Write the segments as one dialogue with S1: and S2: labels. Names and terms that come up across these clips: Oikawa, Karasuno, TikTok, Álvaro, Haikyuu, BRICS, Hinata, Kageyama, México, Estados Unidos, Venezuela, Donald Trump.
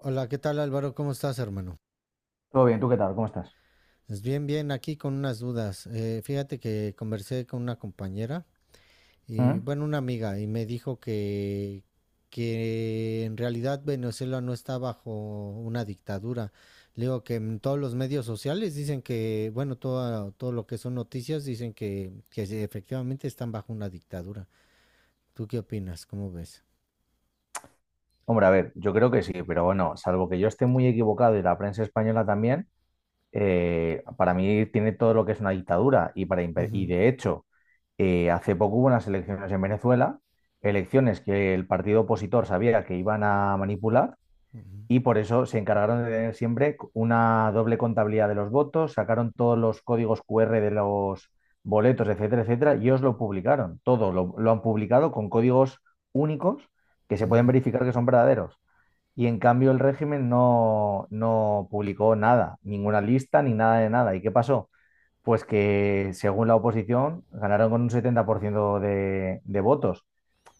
S1: Hola, ¿qué tal Álvaro? ¿Cómo estás, hermano?
S2: Todo bien, ¿tú qué tal? ¿Cómo estás?
S1: Pues bien, bien, aquí con unas dudas. Fíjate que conversé con una compañera y,
S2: ¿Mm?
S1: bueno, una amiga y me dijo que en realidad Venezuela no está bajo una dictadura. Le digo que en todos los medios sociales dicen que, bueno, todo lo que son noticias dicen que sí, efectivamente están bajo una dictadura. ¿Tú qué opinas? ¿Cómo ves?
S2: Hombre, a ver, yo creo que sí, pero bueno, salvo que yo esté muy equivocado y la prensa española también, para mí tiene todo lo que es una dictadura y, y
S1: Ujú,
S2: de hecho, hace poco hubo unas elecciones en Venezuela, elecciones que el partido opositor sabía que iban a manipular
S1: ujú,
S2: y por eso se encargaron de tener siempre una doble contabilidad de los votos, sacaron todos los códigos QR de los boletos, etcétera, etcétera, y os lo publicaron. Todo lo han publicado con códigos únicos que se pueden
S1: ujú.
S2: verificar que son verdaderos. Y en cambio el régimen no publicó nada, ninguna lista ni nada de nada. ¿Y qué pasó? Pues que según la oposición ganaron con un 70% de votos.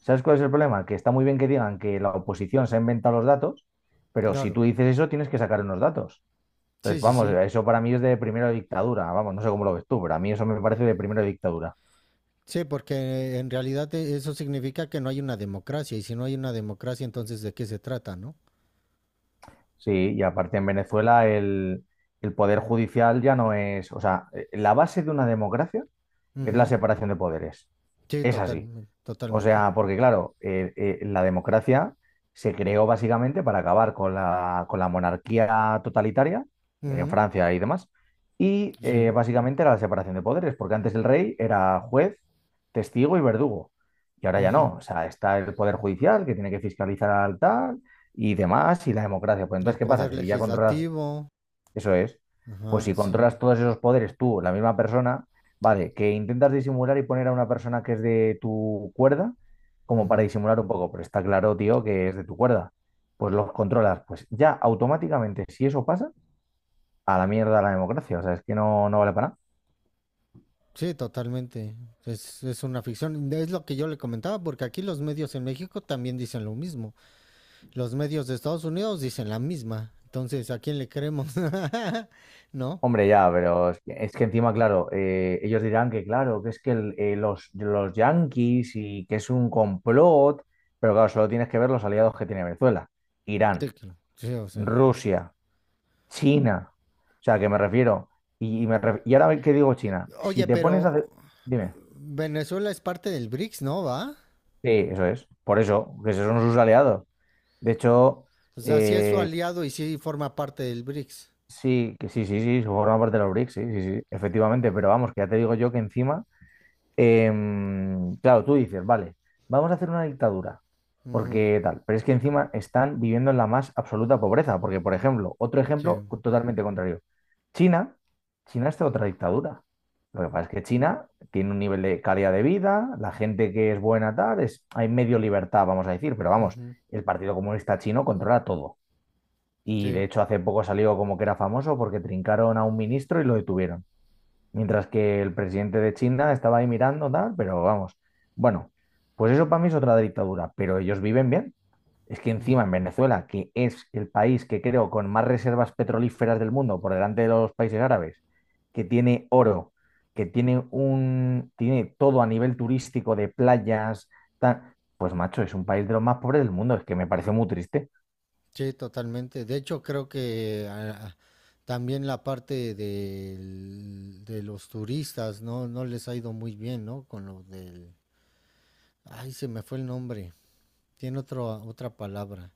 S2: ¿Sabes cuál es el problema? Que está muy bien que digan que la oposición se ha inventado los datos, pero si
S1: Claro.
S2: tú dices eso tienes que sacar unos datos. Entonces,
S1: Sí, sí,
S2: vamos,
S1: sí.
S2: eso para mí es de primera dictadura. Vamos, no sé cómo lo ves tú, pero a mí eso me parece de primera dictadura.
S1: Sí, porque en realidad eso significa que no hay una democracia, y si no hay una democracia, entonces ¿de qué se trata, no?
S2: Sí, y aparte en Venezuela el poder judicial ya no es, o sea, la base de una democracia es la
S1: Ujú.
S2: separación de poderes.
S1: Sí,
S2: Es así.
S1: totalmente,
S2: O
S1: totalmente.
S2: sea, porque claro, la democracia se creó básicamente para acabar con con la monarquía totalitaria en
S1: Ujú.
S2: Francia y demás, y
S1: Sí.
S2: básicamente era la separación de poderes, porque antes el rey era juez, testigo y verdugo, y ahora ya
S1: Ujú.
S2: no. O sea, está el poder judicial que tiene que fiscalizar al tal y demás, y la democracia. Pues
S1: El
S2: entonces, ¿qué pasa?
S1: poder
S2: Que si ya controlas
S1: legislativo.
S2: eso es. Pues
S1: Ajá,
S2: si
S1: sí.
S2: controlas todos esos poderes tú, la misma persona, vale, que intentas disimular y poner a una persona que es de tu cuerda, como para
S1: Ujú.
S2: disimular un poco, pero está claro, tío, que es de tu cuerda. Pues los controlas. Pues ya automáticamente, si eso pasa, a la mierda la democracia. O sea, es que no, no vale para nada.
S1: Sí, totalmente. Es una ficción. Es lo que yo le comentaba, porque aquí los medios en México también dicen lo mismo. Los medios de Estados Unidos dicen la misma. Entonces, ¿a quién le creemos? ¿No?
S2: Hombre, ya, pero es que encima, claro, ellos dirán que, claro, que es que los yanquis y que es un complot, pero claro, solo tienes que ver los aliados que tiene Venezuela. Irán,
S1: Te- sí, o sea.
S2: Rusia, China. O sea, que me refiero. Y, y ahora que digo China, si
S1: Oye,
S2: te pones a
S1: pero
S2: hacer... Dime.
S1: Venezuela es parte del BRICS, ¿no? ¿Va?
S2: Sí, eso es. Por eso, que esos son sus aliados. De hecho,
S1: O sea, sí es su
S2: eh,
S1: aliado y sí forma parte del BRICS.
S2: sí, que sí, se forma parte de los BRICS, sí, efectivamente. Pero vamos, que ya te digo yo que encima claro, tú dices, vale, vamos a hacer una dictadura,
S1: Ujú,
S2: porque tal, pero es que encima están viviendo en la más absoluta pobreza, porque, por ejemplo,
S1: sí,
S2: totalmente contrario, China, China está en otra dictadura. Lo que pasa es que China tiene un nivel de calidad de vida, la gente que es buena tal, es, hay medio libertad, vamos a decir, pero vamos,
S1: ujú,
S2: el Partido Comunista Chino controla todo. Y de
S1: sí,
S2: hecho hace poco salió como que era famoso porque trincaron a un ministro y lo detuvieron. Mientras que el presidente de China estaba ahí mirando, tal, pero vamos. Bueno, pues eso para mí es otra dictadura, pero ellos viven bien. Es que encima
S1: ujú,
S2: en Venezuela, que es el país que creo con más reservas petrolíferas del mundo por delante de los países árabes, que tiene oro, tiene todo a nivel turístico de playas, tal, pues macho, es un país de los más pobres del mundo. Es que me parece muy triste.
S1: sí, totalmente. De hecho, creo que ah, también la parte de los turistas, ¿no? No les ha ido muy bien, ¿no? Con lo del... Ay, se me fue el nombre. Tiene otro, otra palabra.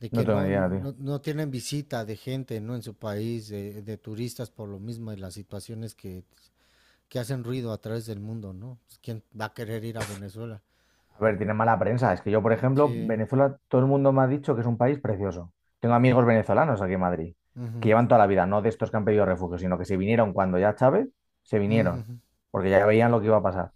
S1: De
S2: No
S1: que
S2: tengo ni idea, tío.
S1: no tienen visita de gente, ¿no? En su país, de turistas por lo mismo y las situaciones que hacen ruido a través del mundo, ¿no? Pues, ¿quién va a querer ir a Venezuela?
S2: A ver, tiene mala prensa. Es que yo, por ejemplo,
S1: Sí.
S2: Venezuela, todo el mundo me ha dicho que es un país precioso. Tengo amigos venezolanos aquí en Madrid, que
S1: Ujú,
S2: llevan toda la vida, no de estos que han pedido refugio, sino que se vinieron cuando ya Chávez, se vinieron,
S1: ujú.
S2: porque ya veían lo que iba a pasar.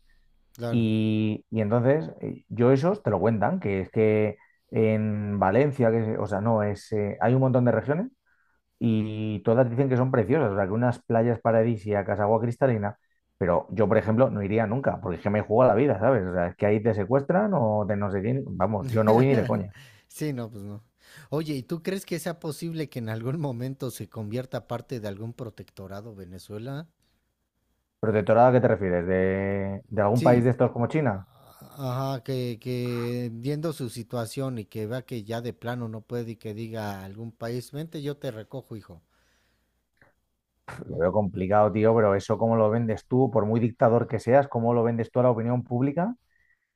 S1: Claro.
S2: Y entonces, yo esos te lo cuentan, que es que en Valencia, que, es- o sea, no, es, hay un montón de regiones y todas dicen que son preciosas, o sea, que unas playas paradisíacas, agua cristalina, pero yo, por ejemplo, no iría nunca, porque es que me juego a la vida, ¿sabes? O sea, es que ahí te secuestran o te no sé quién, vamos, yo no voy ni de coña.
S1: Sí, no, pues no. Oye, ¿y tú crees que sea posible que en algún momento se convierta parte de algún protectorado Venezuela?
S2: ¿Protectorado a qué te refieres? De algún país
S1: Sí.
S2: de estos como China?
S1: Ajá, que viendo su situación y que vea que ya de plano no puede y que diga a algún país, vente, yo te recojo, hijo.
S2: Pff, lo veo complicado, tío, pero eso cómo lo vendes tú, por muy dictador que seas, cómo lo vendes tú a la opinión pública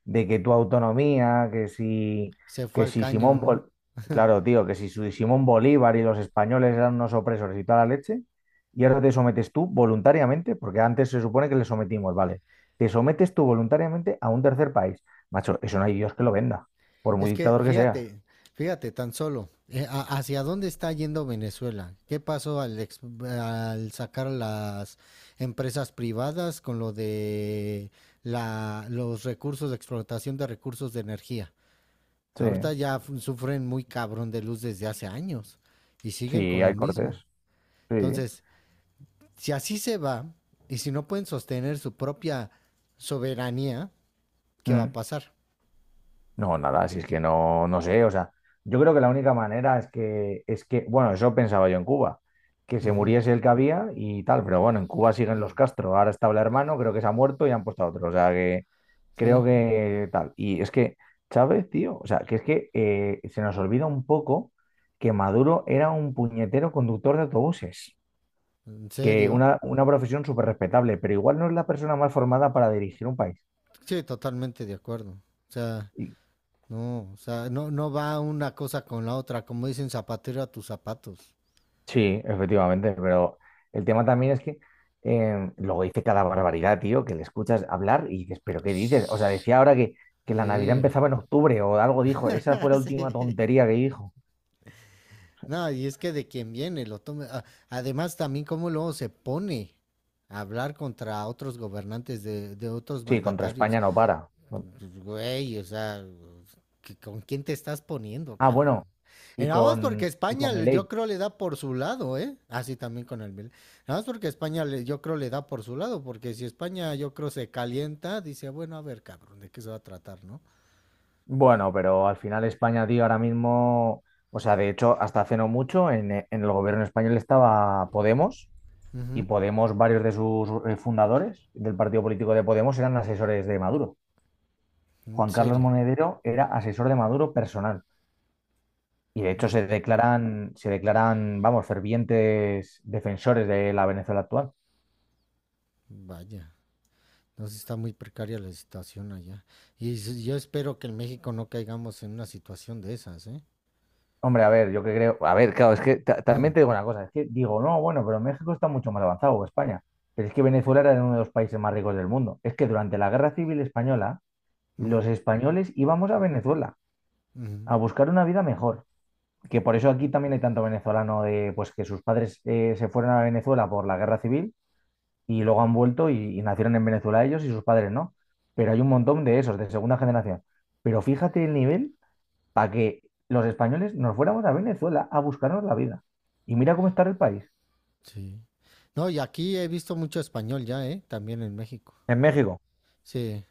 S2: de que tu autonomía, que si,
S1: Se fue
S2: que
S1: al
S2: si
S1: caño,
S2: Simón
S1: ¿no?
S2: Bol- claro, tío, que si su- Simón Bolívar y los españoles eran unos opresores y toda la leche, y ahora te sometes tú voluntariamente, porque antes se supone que le sometimos, vale, te sometes tú voluntariamente a un tercer país. Macho, eso no hay Dios que lo venda, por muy
S1: Es que
S2: dictador que sea.
S1: fíjate, fíjate tan solo, ¿hacia dónde está yendo Venezuela? ¿Qué pasó al sacar las empresas privadas con lo de la, los recursos de explotación de recursos de energía?
S2: Sí,
S1: Ahorita ya sufren muy cabrón de luz desde hace años y siguen
S2: sí,
S1: con lo
S2: hay cortes.
S1: mismo.
S2: Sí.
S1: Entonces, si así se va y si no pueden sostener su propia soberanía, ¿qué va a
S2: Mm.
S1: pasar?
S2: No, nada, si es que no, no sé, o sea, yo creo que la única manera es que, bueno, eso pensaba yo en Cuba, que se
S1: Ujú.
S2: muriese el que había y tal, pero bueno, en Cuba siguen
S1: Eh,
S2: los Castro, ahora está el hermano, creo que se ha muerto y han puesto a otro, o sea, que creo
S1: Sí,
S2: que tal. Y es que Chávez, tío, o sea, que es que se nos olvida un poco que Maduro era un puñetero conductor de autobuses,
S1: en
S2: que
S1: serio.
S2: una profesión súper respetable, pero igual no es la persona más formada para dirigir un país.
S1: Sí, totalmente de acuerdo. O sea, no, no va una cosa con la otra, como dicen zapatero a tus zapatos.
S2: Sí, efectivamente, pero el tema también es que luego dice cada barbaridad, tío, que le escuchas hablar y dices, ¿pero qué dices? O sea, decía ahora que la Navidad
S1: Sí.
S2: empezaba en octubre o algo dijo, esa fue la última
S1: Sí.
S2: tontería que dijo.
S1: No, y es que de quien viene, lo tome. Además, también cómo luego se pone a hablar contra otros gobernantes de otros
S2: Sí, contra
S1: mandatarios.
S2: España no para. Bueno,
S1: Pues, güey, o sea, ¿con quién te estás poniendo,
S2: ah,
S1: cabrón?
S2: bueno,
S1: Y nada más porque
S2: y
S1: España,
S2: con Milei.
S1: yo creo, le da por su lado, ¿eh? Así también con el Milan. Nada más porque España, yo creo, le da por su lado, porque si España, yo creo, se calienta, dice, bueno, a ver, cabrón, ¿de qué se va a tratar, no?
S2: Bueno, pero al final España, tío, ahora mismo, o sea, de hecho, hasta hace no mucho en el gobierno español estaba Podemos
S1: Uh
S2: y
S1: -huh.
S2: Podemos, varios de sus fundadores del partido político de Podemos eran asesores de Maduro.
S1: En
S2: Juan Carlos
S1: serio,
S2: Monedero era asesor de Maduro personal. Y de hecho
S1: no,
S2: se declaran, vamos, fervientes defensores de la Venezuela actual.
S1: vaya. Entonces está muy precaria la situación allá. Y yo espero que en México no caigamos en una situación de esas, ¿eh?
S2: Hombre, a ver, yo que creo, a ver, claro, es que
S1: Uh
S2: también
S1: -huh.
S2: te digo una cosa, es que digo, no, bueno, pero México está mucho más avanzado que España, pero es que Venezuela era uno de los países más ricos del mundo. Es que durante la Guerra Civil Española, los españoles íbamos a Venezuela
S1: Uh -huh.
S2: a buscar una vida mejor, que por eso aquí también hay tanto venezolano de, pues que sus padres se fueron a Venezuela por la Guerra Civil y luego han vuelto y nacieron en Venezuela ellos y sus padres no. Pero hay un montón de esos, de segunda generación. Pero fíjate el nivel para que los españoles nos fuéramos a Venezuela a buscarnos la vida. Y mira cómo está el país.
S1: Sí. No, y aquí he visto mucho español ya, ¿eh? También en México.
S2: En México.
S1: Sí,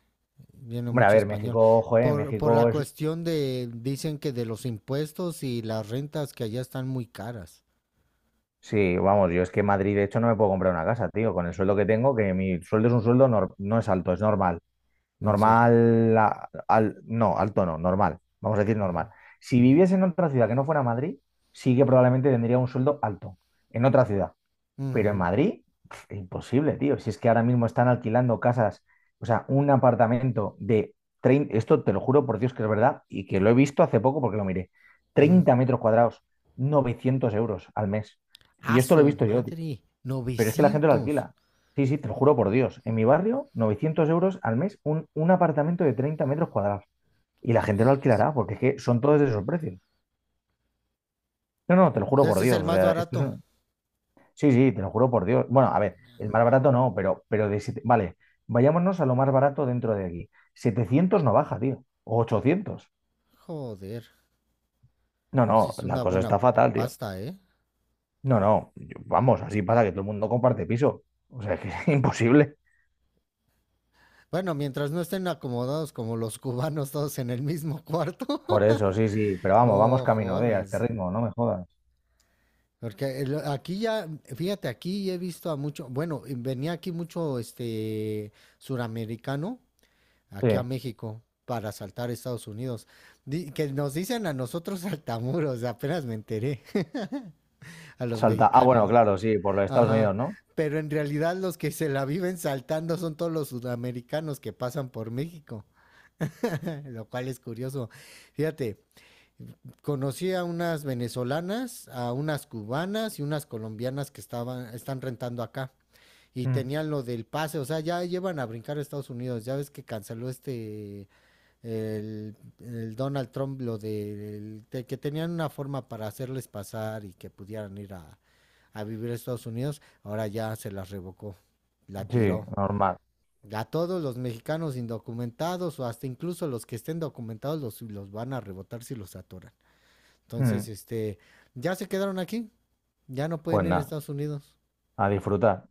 S1: viene
S2: Hombre, a
S1: mucho
S2: ver,
S1: español.
S2: México, joder,
S1: Por la
S2: México es...
S1: cuestión de, dicen que de los impuestos y las rentas que allá están muy caras.
S2: Sí, vamos, yo es que en Madrid, de hecho, no me puedo comprar una casa, tío, con el sueldo que tengo, que mi sueldo es un sueldo, no es alto, es normal.
S1: ¿En serio?
S2: Normal, a- al, no, alto no, normal. Vamos a decir
S1: Ujú,
S2: normal. Si viviese en otra ciudad que no fuera Madrid, sí que probablemente tendría un sueldo alto en otra ciudad.
S1: ujú,
S2: Pero en
S1: ujú.
S2: Madrid, pf, imposible, tío. Si es que ahora mismo están alquilando casas, o sea, un apartamento de treinta, esto te lo juro por Dios que es verdad y que lo he visto hace poco porque lo miré. 30 metros cuadrados, 900 euros al mes.
S1: A
S2: Y esto lo he
S1: su
S2: visto yo, tío.
S1: madre,
S2: Pero es que la gente lo
S1: 900.
S2: alquila. Sí, sí, te lo juro por Dios. En mi barrio, 900 euros al mes, un apartamento de 30 metros cuadrados. Y la gente lo
S1: Vamos.
S2: alquilará, porque es que son todos de esos precios. No, no, te lo juro por
S1: Ese es el
S2: Dios, o
S1: más
S2: sea, esto es
S1: barato.
S2: un- Sí, sí, te lo juro por Dios. Bueno, a ver, el más barato no, pero de siete- Vale, vayámonos a lo más barato dentro de aquí. 700 no baja, tío. O 800.
S1: Joder,
S2: No, no,
S1: pues sí, es
S2: la
S1: una
S2: cosa
S1: buena
S2: está fatal, tío.
S1: pasta, ¿eh?
S2: No, no, yo- vamos, así pasa que todo el mundo comparte piso. O sea, que es imposible.
S1: Bueno, mientras no estén acomodados como los cubanos todos en el mismo cuarto.
S2: Por eso, sí, sí. Pero vamos, vamos
S1: No
S2: camino de a este
S1: jodas.
S2: ritmo, no me jodas.
S1: Porque aquí ya, fíjate, aquí he visto a mucho, bueno, y venía aquí mucho este suramericano
S2: Sí.
S1: aquí a México para saltar a Estados Unidos. Que nos dicen a nosotros saltamuros, apenas me enteré, a los
S2: Salta. Ah, bueno,
S1: mexicanos.
S2: claro, sí, por los Estados
S1: Ajá.
S2: Unidos, ¿no?
S1: Pero en realidad los que se la viven saltando son todos los sudamericanos que pasan por México, lo cual es curioso. Fíjate, conocí a unas venezolanas, a unas cubanas y unas colombianas que están rentando acá. Y
S2: Mm.
S1: tenían lo del pase, o sea, ya llevan a brincar a Estados Unidos. Ya ves que canceló este, el Donald Trump, lo que tenían una forma para hacerles pasar y que pudieran ir a vivir a Estados Unidos. Ahora ya se las revocó, la
S2: Sí,
S1: tiró.
S2: normal.
S1: A todos los mexicanos indocumentados o hasta incluso los que estén documentados los van a rebotar si los atoran. Entonces,
S2: Mm.
S1: este, ya se quedaron aquí. Ya no
S2: Pues
S1: pueden ir a
S2: nada,
S1: Estados Unidos.
S2: a disfrutar.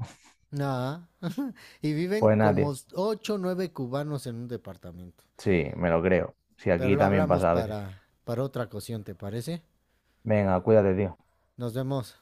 S1: Nada. Y viven
S2: Pues nada, tío.
S1: como 8, o nueve cubanos en un departamento.
S2: Sí, me lo creo. Sí,
S1: Pero
S2: aquí
S1: lo
S2: también
S1: hablamos
S2: pasa a veces.
S1: para otra ocasión, ¿te parece?
S2: Venga, cuídate, tío.
S1: Nos vemos.